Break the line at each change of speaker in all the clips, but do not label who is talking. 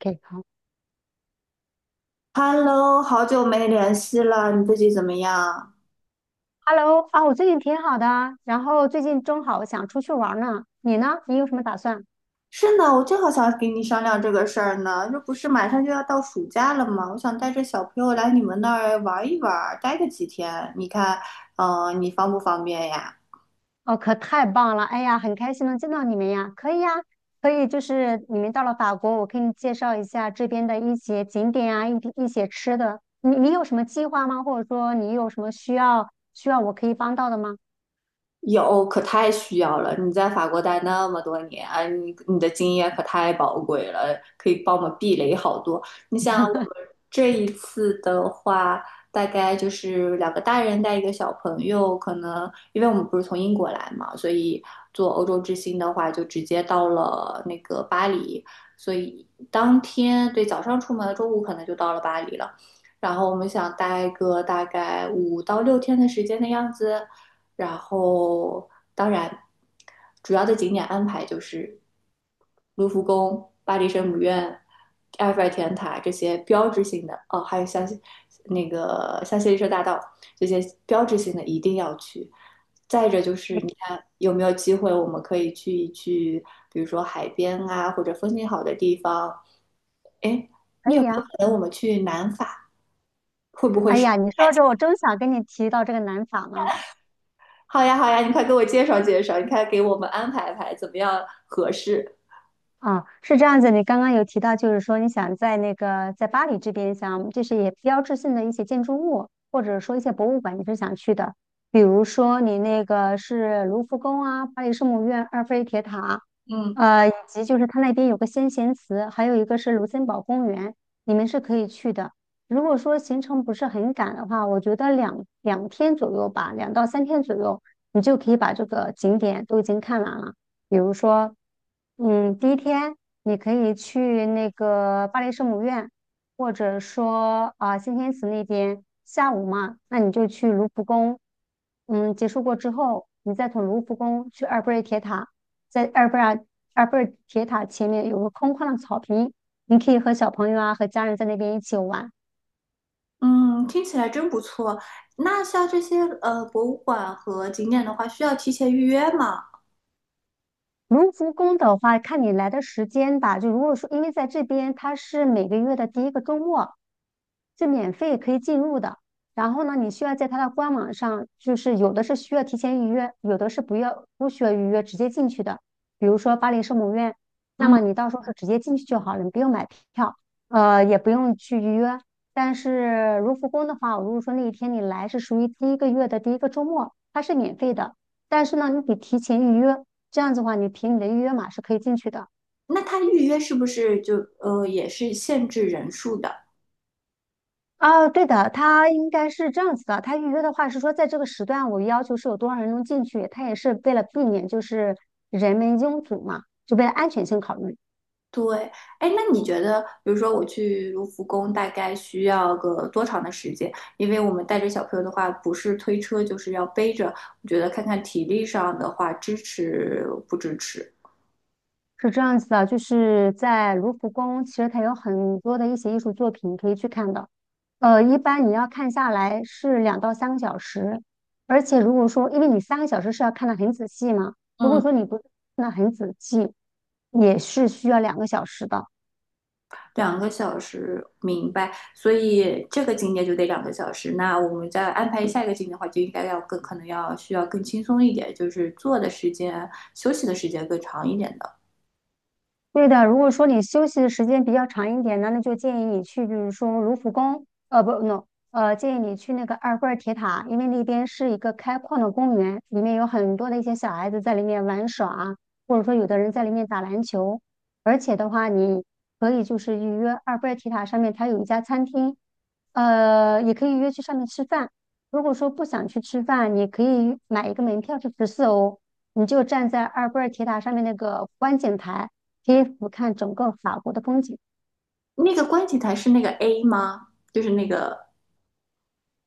OK，好
Hello，好久没联系了，你最近怎么样？
，Hello 啊，我最近挺好的啊，然后最近正好想出去玩儿呢，你呢？你有什么打算？
是呢，我正好想跟你商量这个事儿呢。这不是马上就要到暑假了吗？我想带着小朋友来你们那儿玩一玩，待个几天。你看，你方不方便呀？
哦，可太棒了，哎呀，很开心能见到你们呀，可以呀，可以，就是你们到了法国，我给你介绍一下这边的一些景点啊，一些吃的，你有什么计划吗？或者说你有什么需要我可以帮到的吗？
有，可太需要了。你在法国待那么多年，你的经验可太宝贵了，可以帮我们避雷好多。你想，我们这一次的话，大概就是两个大人带一个小朋友，可能因为我们不是从英国来嘛，所以做欧洲之星的话，就直接到了那个巴黎，所以当天对早上出门，中午可能就到了巴黎了。然后我们想待个大概5到6天的时间的样子。然后当然主要的景点安排就是卢浮宫、巴黎圣母院、埃菲尔铁塔这些标志性的哦，还有那个香榭丽舍大道这些标志性的一定要去。再者就是，你看有没有机会，我们可以去一去，比如说海边啊，或者风景好的地方。哎，
可
你有
以
没有可
呀，
能我们去南法？会不会
哎
是？
呀，你说着我正想跟你提到这个南法呢。
好呀，好呀，你快给我介绍介绍，你快给我们安排安排，怎么样合适？
啊，是这样子。你刚刚有提到，就是说你想在那个在巴黎这边想，就是也标志性的一些建筑物，或者说一些博物馆，你是想去的。比如说你那个是卢浮宫啊，巴黎圣母院、埃菲尔铁塔，
嗯
以及就是它那边有个先贤祠，还有一个是卢森堡公园，你们是可以去的。如果说行程不是很赶的话，我觉得两天左右吧，2到3天左右，你就可以把这个景点都已经看完了。比如说，嗯，第一天你可以去那个巴黎圣母院，或者说啊、先天祠那边。下午嘛，那你就去卢浮宫。嗯，结束过之后，你再从卢浮宫去埃菲尔铁塔，在埃菲尔铁塔前面有个空旷的草坪，你可以和小朋友啊和家人在那边一起玩。
嗯，听起来真不错。那像这些博物馆和景点的话，需要提前预约吗？
卢浮宫的话，看你来的时间吧。就如果说，因为在这边它是每个月的第一个周末，是免费可以进入的。然后呢，你需要在它的官网上，就是有的是需要提前预约，有的是不需要预约直接进去的。比如说巴黎圣母院，那
嗯，
么你到时候是直接进去就好了，你不用买票，也不用去预约。但是卢浮宫的话，如果说那一天你来是属于第一个月的第一个周末，它是免费的，但是呢，你得提前预约。这样子的话，你凭你的预约码是可以进去的。
那它预约是不是就也是限制人数的？
哦，对的，它应该是这样子的。它预约的话是说，在这个时段，我要求是有多少人能进去，它也是为了避免就是人们拥堵嘛，就为了安全性考虑，
对，哎，那你觉得，比如说我去卢浮宫，大概需要个多长的时间？因为我们带着小朋友的话，不是推车就是要背着，我觉得看看体力上的话，支持不支持？
是这样子的。就是在卢浮宫，其实它有很多的一些艺术作品可以去看的。一般你要看下来是2到3个小时，而且如果说因为你三个小时是要看得很仔细嘛，如果
嗯。
说你不看得很仔细，也是需要2个小时的。
两个小时，明白。所以这个景点就得两个小时。那我们再安排下一个景点的话，就应该要更可能要需要更轻松一点，就是坐的时间、休息的时间更长一点的。
对的，如果说你休息的时间比较长一点呢，那就建议你去，比如说卢浮宫，不，no，建议你去那个埃菲尔铁塔，因为那边是一个开矿的公园，里面有很多的一些小孩子在里面玩耍啊，或者说有的人在里面打篮球，而且的话，你可以就是预约埃菲尔铁塔上面它有一家餐厅，也可以约去上面吃饭。如果说不想去吃饭，你可以买一个门票是十四欧，你就站在埃菲尔铁塔上面那个观景台。可以俯瞰整个法国的风景。
那个观景台是那个 A 吗？就是那个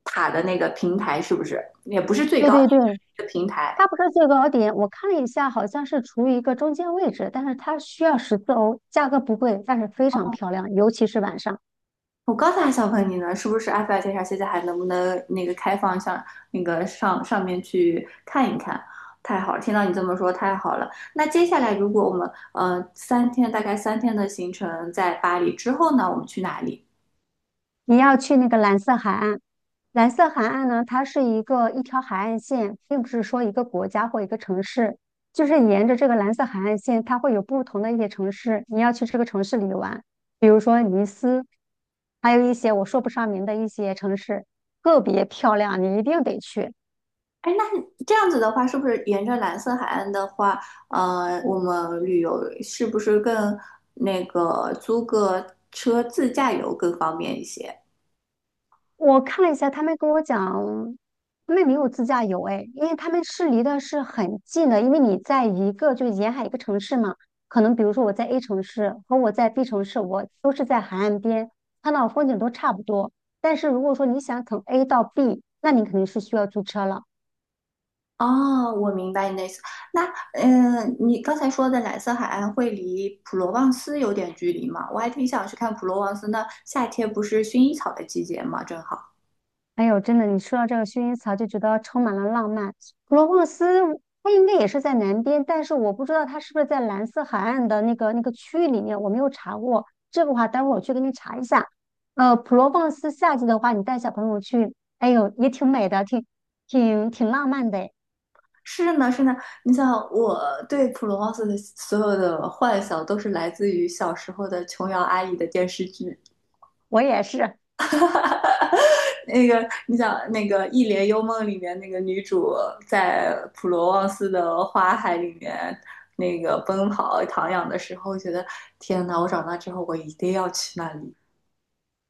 塔的那个平台是不是？也不是最
对
高点，
对对，
就是一个平台。
它不是最高点，我看了一下，好像是处于一个中间位置，但是它需要十四欧，价格不贵，但是非常漂亮，尤其是晚上。
我刚才还想问你呢，是不是埃菲尔铁塔现在还能不能开放上面去看一看？太好了，听到你这么说太好了。那接下来如果我们呃三天大概三天的行程在巴黎之后呢，我们去哪里？
你要去那个蓝色海岸，蓝色海岸呢，它是一个一条海岸线，并不是说一个国家或一个城市，就是沿着这个蓝色海岸线，它会有不同的一些城市，你要去这个城市里玩，比如说尼斯，还有一些我说不上名的一些城市，特别漂亮，你一定得去。
哎，那这样子的话，是不是沿着蓝色海岸的话，我们旅游是不是更租个车自驾游更方便一些？
我看了一下，他们跟我讲，他们没有自驾游哎，因为他们是离的是很近的，因为你在一个就是沿海一个城市嘛，可能比如说我在 A 城市和我在 B 城市，我都是在海岸边，看到风景都差不多。但是如果说你想从 A 到 B，那你肯定是需要租车了。
哦，我明白你的意思。那，你刚才说的蓝色海岸会离普罗旺斯有点距离吗？我还挺想去看普罗旺斯那夏天不是薰衣草的季节吗？正好。
哎呦，真的，你说到这个薰衣草，就觉得充满了浪漫。普罗旺斯，它应该也是在南边，但是我不知道它是不是在蓝色海岸的那个区域里面，我没有查过。这个话，待会儿我去给你查一下。普罗旺斯夏季的话，你带小朋友去，哎呦，也挺美的，挺浪漫的诶
是呢，是呢。你想，我对普罗旺斯的所有的幻想都是来自于小时候的琼瑶阿姨的电视剧。
我也是。
哈哈，那个，你想那个《一帘幽梦》里面那个女主在普罗旺斯的花海里面那个奔跑徜徉的时候，觉得天呐，我长大之后我一定要去那里。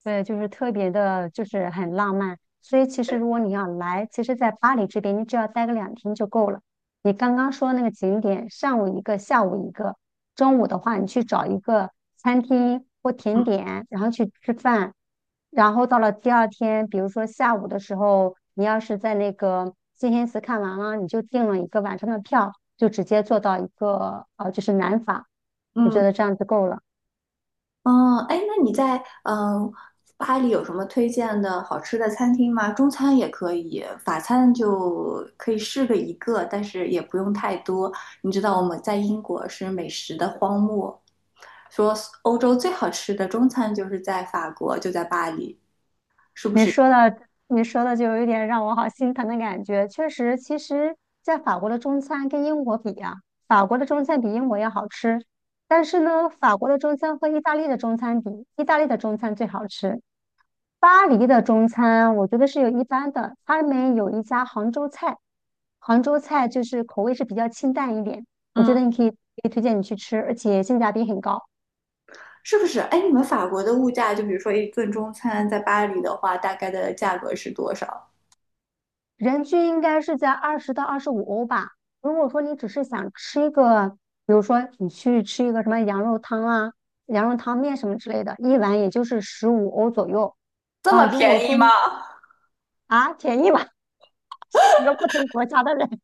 对，就是特别的，就是很浪漫。所以其实如果你要来，其实，在巴黎这边，你只要待个两天就够了。你刚刚说那个景点，上午一个，下午一个，中午的话，你去找一个餐厅或甜点，然后去吃饭。然后到了第二天，比如说下午的时候，你要是在那个金黑寺看完了，你就订了一个晚上的票，就直接坐到一个就是南法。我觉
嗯，
得这样就够了。
嗯，哎，那你在巴黎有什么推荐的好吃的餐厅吗？中餐也可以，法餐就可以试个一个，但是也不用太多。你知道我们在英国是美食的荒漠，说欧洲最好吃的中餐就是在法国，就在巴黎，是不
你
是？
说的，你说的就有一点让我好心疼的感觉。确实，其实，在法国的中餐跟英国比啊，法国的中餐比英国要好吃。但是呢，法国的中餐和意大利的中餐比，意大利的中餐最好吃。巴黎的中餐我觉得是有一般的，他们有一家杭州菜，杭州菜就是口味是比较清淡一点，我觉
嗯，
得你可以推荐你去吃，而且性价比很高。
是不是？哎，你们法国的物价，就比如说一顿中餐在巴黎的话，大概的价格是多少？
人均应该是在20到25欧吧。如果说你只是想吃一个，比如说你去吃一个什么羊肉汤啊、羊肉汤面什么之类的，一碗也就是十五欧左右。
这么
如果
便宜
说
吗？
啊便宜吧，一个不同国家的人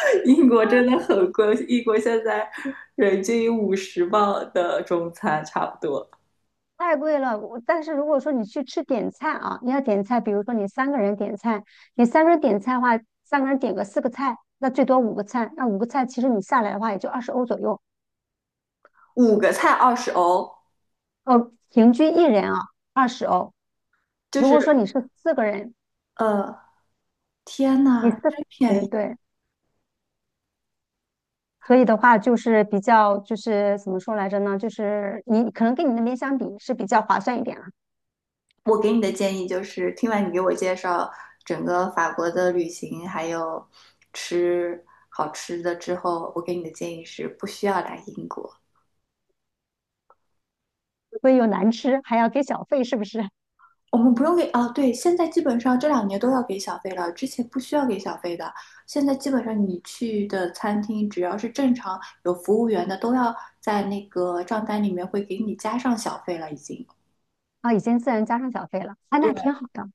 英国真的 很贵，英国现在人均50磅的中餐差不多，
太贵了。我但是如果说你去吃点菜啊，你要点菜，比如说你三个人点菜，你三个人点菜的话，三个人点个4个菜，那最多五个菜，那五个菜其实你下来的话也就二十欧左右。
五个菜20欧，
平均一人啊二十欧。
就
如
是
果说你是四个人，
呃，天
你
呐，
四个
真便
人
宜！
对，所以的话就是比较就是怎么说来着呢？就是你可能跟你那边相比是比较划算一点了，
我给你的建议就是，听完你给我介绍整个法国的旅行，还有吃好吃的之后，我给你的建议是不需要来英国。
所以又难吃，还要给小费，是不是？
我们不用给啊，对，现在基本上这两年都要给小费了，之前不需要给小费的。现在基本上你去的餐厅，只要是正常有服务员的，都要在那个账单里面会给你加上小费了，已经。
啊，已经自然加上小费了，啊，那
对，
挺好的。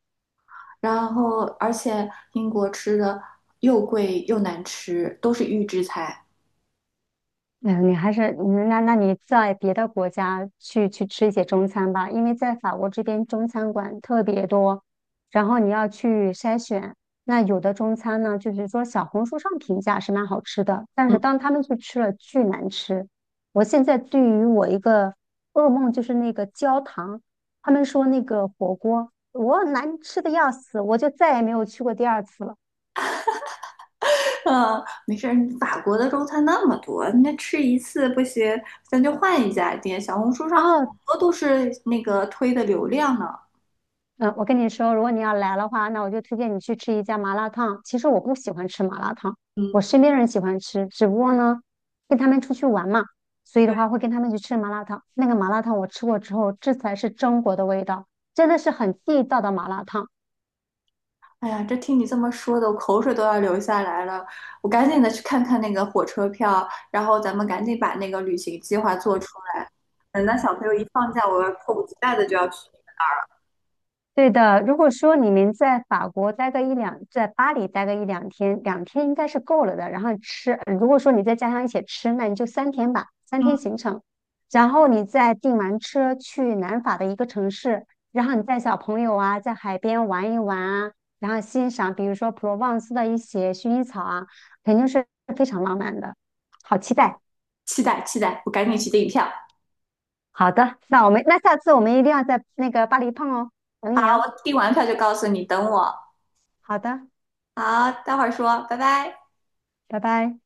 然后，而且英国吃的又贵又难吃，都是预制菜。
嗯，你还是那你在别的国家去吃一些中餐吧，因为在法国这边中餐馆特别多，然后你要去筛选。那有的中餐呢，就是说小红书上评价是蛮好吃的，但
嗯，
是当他们去吃了，巨难吃。我现在对于我一个噩梦就是那个焦糖，他们说那个火锅我难吃的要死，我就再也没有去过第二次了。
嗯，没事儿，法国的中餐那么多，那吃一次不行，咱就换一家店。小红书上好
啊，
多都是那个推的流量呢。
嗯，我跟你说，如果你要来的话，那我就推荐你去吃一家麻辣烫。其实我不喜欢吃麻辣烫，
嗯。
我身边人喜欢吃，只不过呢，跟他们出去玩嘛，所以的
对。
话会跟他们去吃麻辣烫。那个麻辣烫我吃过之后，这才是中国的味道，真的是很地道的麻辣烫。
哎呀，这听你这么说的，我口水都要流下来了。我赶紧的去看看那个火车票，然后咱们赶紧把那个旅行计划做出来。等到小朋友一放假，我迫不及待的就要去。
对的，如果说你们在法国待个一两，在巴黎待个一两天，两天应该是够了的。然后吃，如果说你再加上一起吃，那你就三天吧，三
嗯，
天行程。然后你再订完车去南法的一个城市，然后你带小朋友啊，在海边玩一玩啊，然后欣赏比如说普罗旺斯的一些薰衣草啊，肯定是非常浪漫的。好期待！
期待期待，我赶紧去订票。
好的，那我们那下次我们一定要在那个巴黎碰哦，等
好，
你哦。
我订完票就告诉你，等我。
好的，
好，待会儿说，拜拜。
拜拜。